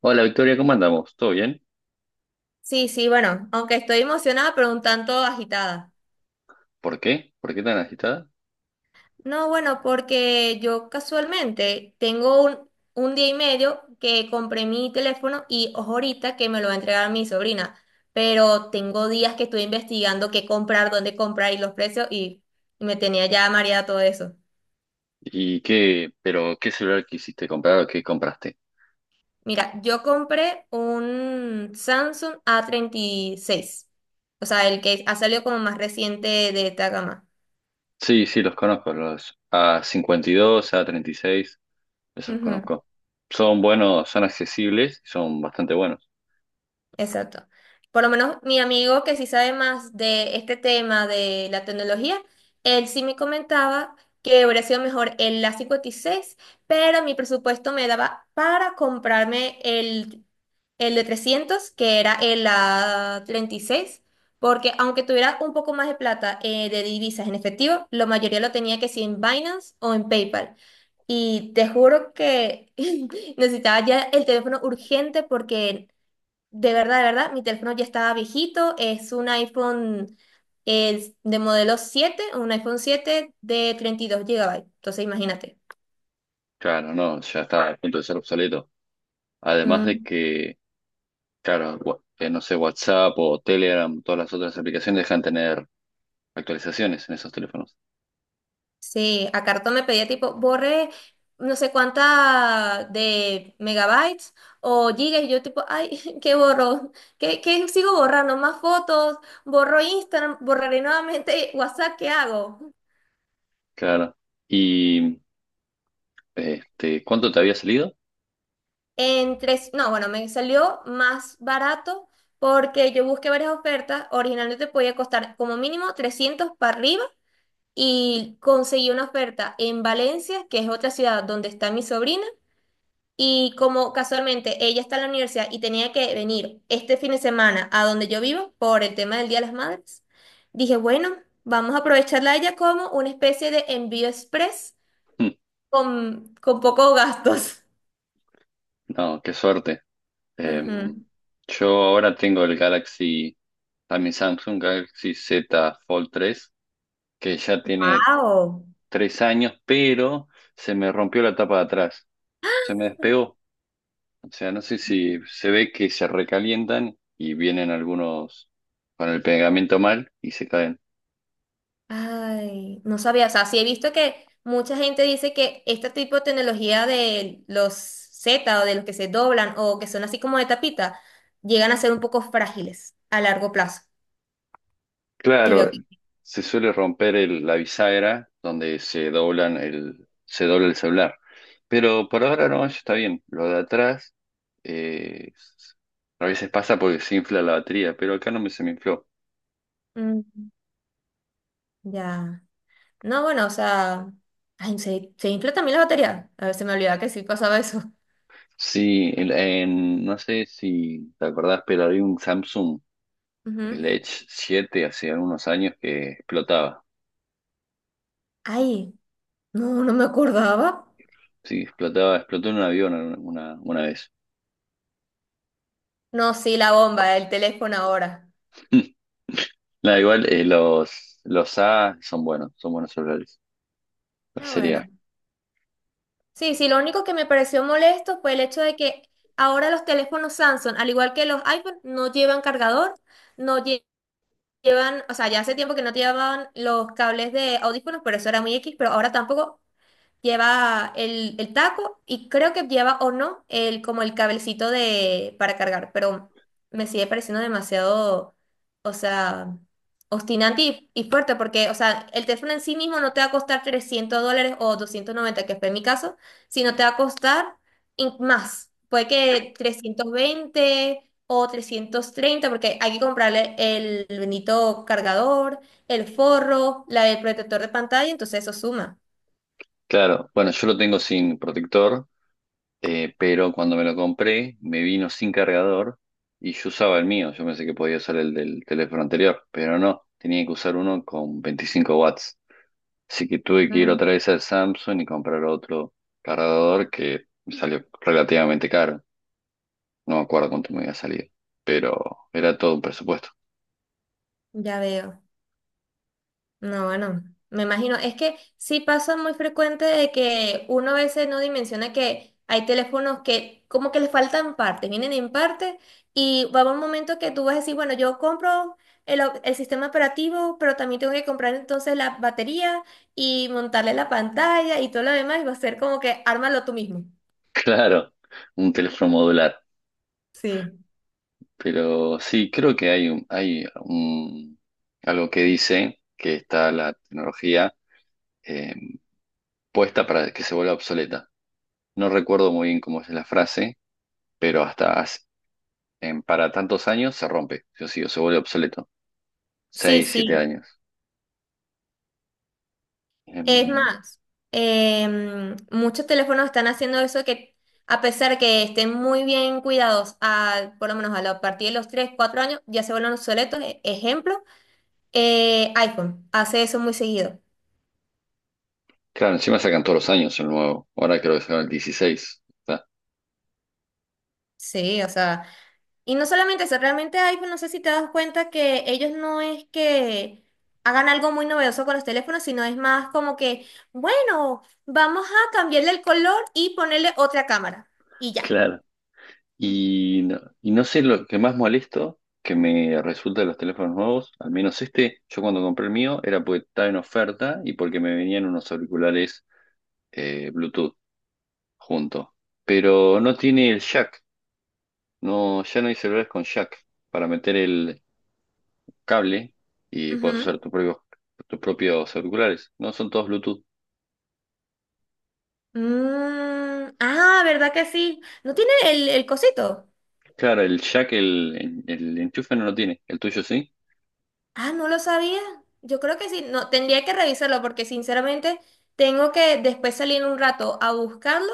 Hola Victoria, ¿cómo andamos? ¿Todo bien? Sí, sí, bueno, aunque estoy emocionada, pero un tanto agitada. ¿Por qué? ¿Por qué tan agitada? No, bueno, porque yo casualmente tengo un día y medio que compré mi teléfono y ojo ahorita que me lo va a entregar mi sobrina, pero tengo días que estoy investigando qué comprar, dónde comprar y los precios y me tenía ya mareada todo eso. ¿Y qué, pero qué celular quisiste comprar o qué compraste? Mira, yo compré un Samsung A36, o sea, el que ha salido como más reciente de esta gama. Sí, sí, los conozco, los a cincuenta y dos, a treinta y seis, esos los Ujú. conozco. Son buenos, son accesibles, son bastante buenos. Exacto. Por lo menos mi amigo que sí sabe más de este tema de la tecnología, él sí me comentaba que hubiera sido mejor el A56, pero mi presupuesto me daba para comprarme el de 300 que era el A36, porque aunque tuviera un poco más de plata de divisas en efectivo, la mayoría lo tenía que sí en Binance o en PayPal. Y te juro que necesitaba ya el teléfono urgente porque de verdad, mi teléfono ya estaba viejito, es un iPhone, es de modelo 7, un iPhone 7 de 32 GB. Entonces imagínate. Claro, no, ya está a punto de ser obsoleto. Además de Mm, que, claro, no sé, WhatsApp o Telegram, todas las otras aplicaciones dejan tener actualizaciones en esos teléfonos. sí, a cartón me pedía tipo, borre no sé cuánta de megabytes o gigas, y yo tipo, ay, ¿qué borro? ¿Qué sigo borrando? ¿Más fotos? ¿Borro Instagram? ¿Borraré nuevamente WhatsApp? ¿Qué hago? Claro. ¿Y este, cuánto te había salido? En tres, no, bueno, me salió más barato porque yo busqué varias ofertas. Originalmente podía costar como mínimo 300 para arriba y conseguí una oferta en Valencia, que es otra ciudad donde está mi sobrina. Y como casualmente ella está en la universidad y tenía que venir este fin de semana a donde yo vivo por el tema del Día de las Madres, dije, bueno, vamos a aprovecharla a ella como una especie de envío express con pocos gastos. No, qué suerte. Eh, Ujú. yo ahora tengo el Galaxy, también Samsung Galaxy Z Fold tres, que ya tiene ¡Wow! 3 años, pero se me rompió la tapa de atrás. Se me despegó. O sea, no sé si se ve que se recalientan y vienen algunos con el pegamento mal y se caen. Ay, no sabía, o sea, sí he visto que mucha gente dice que este tipo de tecnología de los Z o de los que se doblan o que son así como de tapita, llegan a ser un poco frágiles a largo plazo. Y veo Claro, que. se suele romper la bisagra donde se doblan el, se dobla el celular. Pero por ahora no, eso está bien. Lo de atrás, eh, a veces pasa porque se infla la batería, pero acá no me se me infló. Mm, ya. No, bueno, o sea. Ay, ¿se infla también la batería? A ver, se me olvidaba que sí pasaba eso. Sí, no sé si te acordás, pero había un Samsung, el Ujú. Edge siete, hace algunos años, que explotaba. Ay, no, no me acordaba. Sí, explotaba, explotó en un avión una vez. No, sí, la bomba, el teléfono ahora. Nada, igual los A son buenos celulares. La Ah, serie bueno. A. Sí, sí, lo único que me pareció molesto fue el hecho de que ahora los teléfonos Samsung, al igual que los iPhone, no llevan cargador, no lle- llevan, o sea, ya hace tiempo que no te llevaban los cables de audífonos, pero eso era muy X, pero ahora tampoco. Lleva el taco y creo que lleva o no el como el cablecito de para cargar, pero me sigue pareciendo demasiado, o sea, obstinante y fuerte porque, o sea, el teléfono en sí mismo no te va a costar 300 dólares o 290 que fue mi caso, sino te va a costar más. Puede que 320 o 330 porque hay que comprarle el bendito cargador, el forro, el protector de pantalla, entonces eso suma. Claro, bueno, yo lo tengo sin protector, pero cuando me lo compré me vino sin cargador y yo usaba el mío. Yo pensé que podía usar el del teléfono anterior, pero no, tenía que usar uno con 25 watts. Así que tuve que ir otra vez al Samsung y comprar otro cargador que me salió relativamente caro. No me acuerdo cuánto me había salido, pero era todo un presupuesto. Ya veo. No, bueno, me imagino. Es que sí pasa muy frecuente de que uno a veces no dimensiona que hay teléfonos que como que les faltan partes, vienen en parte y va a haber un momento que tú vas a decir, bueno, yo compro el sistema operativo, pero también tengo que comprar entonces la batería y montarle la pantalla y todo lo demás y va a ser como que ármalo tú mismo. Claro, un teléfono modular. Sí. Pero sí, creo que algo que dice que está la tecnología eh, puesta para que se vuelva obsoleta. No recuerdo muy bien cómo es la frase, pero para tantos años se rompe, sí o sí, o se vuelve obsoleto. Sí, Seis, siete sí. años. Es Em, más, muchos teléfonos están haciendo eso que a pesar que estén muy bien cuidados, por lo menos a partir de los 3, 4 años, ya se vuelven obsoletos. Ejemplo, iPhone hace eso muy seguido. claro, encima sacan todos los años el nuevo. Ahora creo que sacan el dieciséis. Sí, o sea, y no solamente eso, realmente iPhone, no sé si te das cuenta que ellos no es que hagan algo muy novedoso con los teléfonos, sino es más como que, bueno, vamos a cambiarle el color y ponerle otra cámara. Y ya. Claro. Y no sé lo que más molesto que me resulta de los teléfonos nuevos, al menos este, yo cuando compré el mío era porque estaba en oferta y porque me venían unos auriculares Bluetooth, junto. Pero no tiene el jack, no, ya no hay celulares con jack para meter el cable y puedes Ujú. usar tus propios auriculares, no son todos Bluetooth. Mm, ah, ¿verdad que sí? ¿No tiene el cosito? Claro, el jack, el enchufe no lo tiene, el tuyo sí. Ah, no lo sabía. Yo creo que sí. No, tendría que revisarlo porque sinceramente tengo que después salir un rato a buscarlo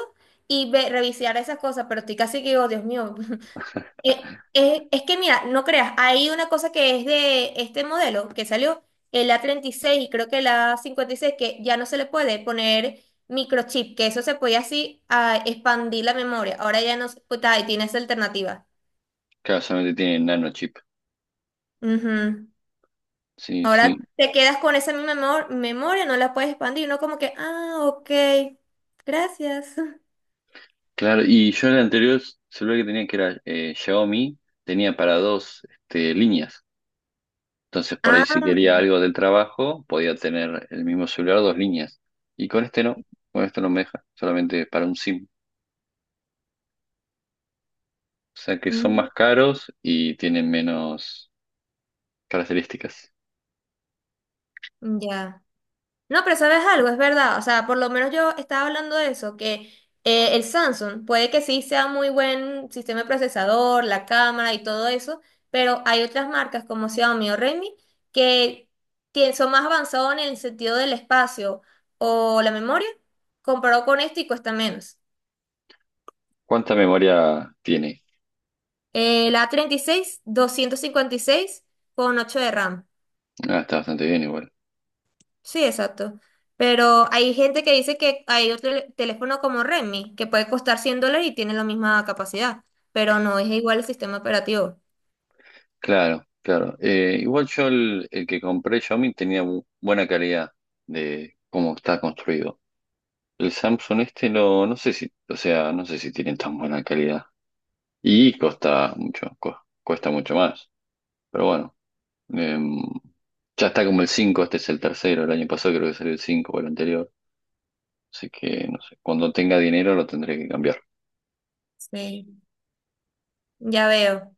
y revisar esas cosas, pero estoy casi que digo, Dios mío. Es que mira, no creas, hay una cosa que es de este modelo que salió, el A36 y creo que el A56 que ya no se le puede poner microchip, que eso se podía así expandir la memoria. Ahora ya no, pues, ahí tienes alternativa. Claro, solamente tiene nano chip. Ujú. Sí, Ahora sí. te quedas con esa misma memoria, no la puedes expandir, no como que, ah, ok, gracias. Claro, y yo el anterior celular que tenía, que era Xiaomi, tenía para dos este, líneas. Entonces, por ahí si Ah, quería algo del trabajo, podía tener el mismo celular, dos líneas. Y con este no me deja, solamente para un SIM. O sea que son mm, más caros y tienen menos características. ya. No, pero sabes algo, es verdad. O sea, por lo menos yo estaba hablando de eso, que el Samsung puede que sí sea muy buen sistema de procesador, la cámara y todo eso, pero hay otras marcas como Xiaomi o Redmi que son más avanzados en el sentido del espacio o la memoria, comparado con esto y cuesta menos. ¿Cuánta memoria tiene? La A36 256 GB con 8 de RAM. Ah, está bastante bien igual. Sí, exacto. Pero hay gente que dice que hay otro teléfono como Redmi que puede costar 100 dólares y tiene la misma capacidad, pero no es igual el sistema operativo. Claro, claro. Igual yo el que compré Xiaomi tenía buena calidad de cómo está construido. El Samsung este no, no sé si, o sea, no sé si tienen tan buena calidad. Y cuesta mucho, cuesta mucho más. Pero bueno, em, ya está como el cinco, este es el tercero, el año pasado creo que salió el 5 o el anterior. Así que, no sé, cuando tenga dinero lo tendré que cambiar. Sí. Ya veo.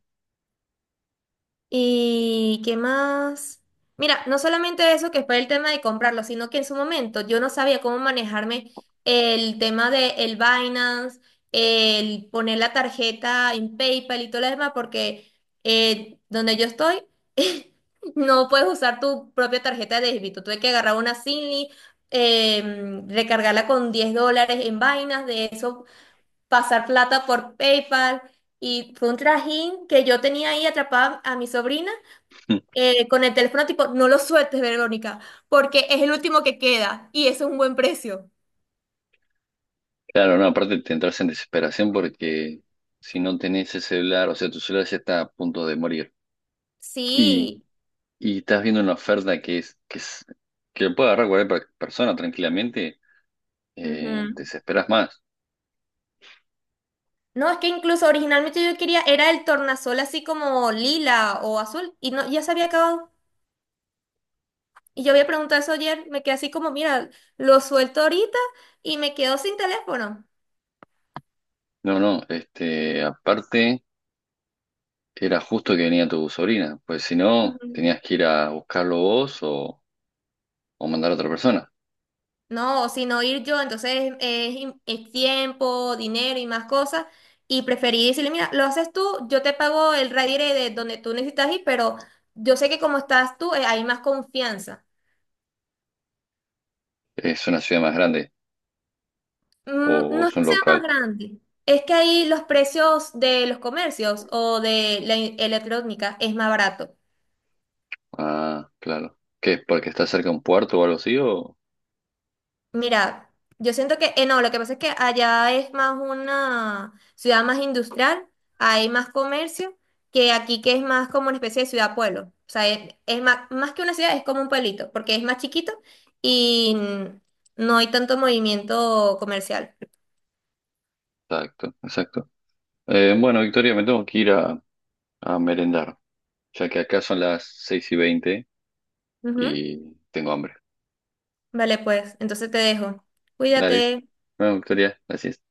¿Y qué más? Mira, no solamente eso que fue el tema de comprarlo, sino que en su momento yo no sabía cómo manejarme el tema de el Binance, el poner la tarjeta en PayPal y todo lo demás, porque donde yo estoy no puedes usar tu propia tarjeta de débito. Tuve que agarrar una Zinli, recargarla con 10 dólares en Binance, de eso pasar plata por PayPal. Y fue un trajín que yo tenía ahí atrapada a mi sobrina, con el teléfono tipo, no lo sueltes, Verónica, porque es el último que queda y eso es un buen precio. Claro, no, aparte te entras en desesperación porque si no tenés ese celular, o sea, tu celular ya está a punto de morir. Y, Sí. y estás viendo una oferta que lo puede agarrar cualquier persona tranquilamente, Ujú. Te desesperas más. No, es que incluso originalmente yo quería, era el tornasol así como lila o azul y no, ya se había acabado. Y yo había preguntado eso ayer, me quedé así como, mira, lo suelto ahorita y me quedo sin teléfono. No, no, este, aparte era justo que venía tu sobrina, pues si no, Ujú. tenías que ir a buscarlo vos o mandar a otra persona. No, sino ir yo, entonces es tiempo, dinero y más cosas. Y preferí decirle, mira, lo haces tú, yo te pago el ride de donde tú necesitas ir, pero yo sé que como estás tú, hay más confianza. Es una ciudad más grande Mm, o no es es un que sea más local. grande, es que ahí los precios de los comercios o de la electrónica es más barato. Ah, claro. ¿Qué? ¿Porque está cerca de un puerto o algo así? O... Mira, yo siento que, no, lo que pasa es que allá es más una ciudad más industrial, hay más comercio, que aquí que es más como una especie de ciudad-pueblo. O sea, es más, que una ciudad, es como un pueblito, porque es más chiquito y no hay tanto movimiento comercial. Exacto, exacto. Bueno, Victoria, me tengo que ir a merendar, ya que acá son las 6:20 Ujú. y tengo hambre. Vale, pues, entonces te dejo. Dale, Cuídate. bueno, Victoria, gracias.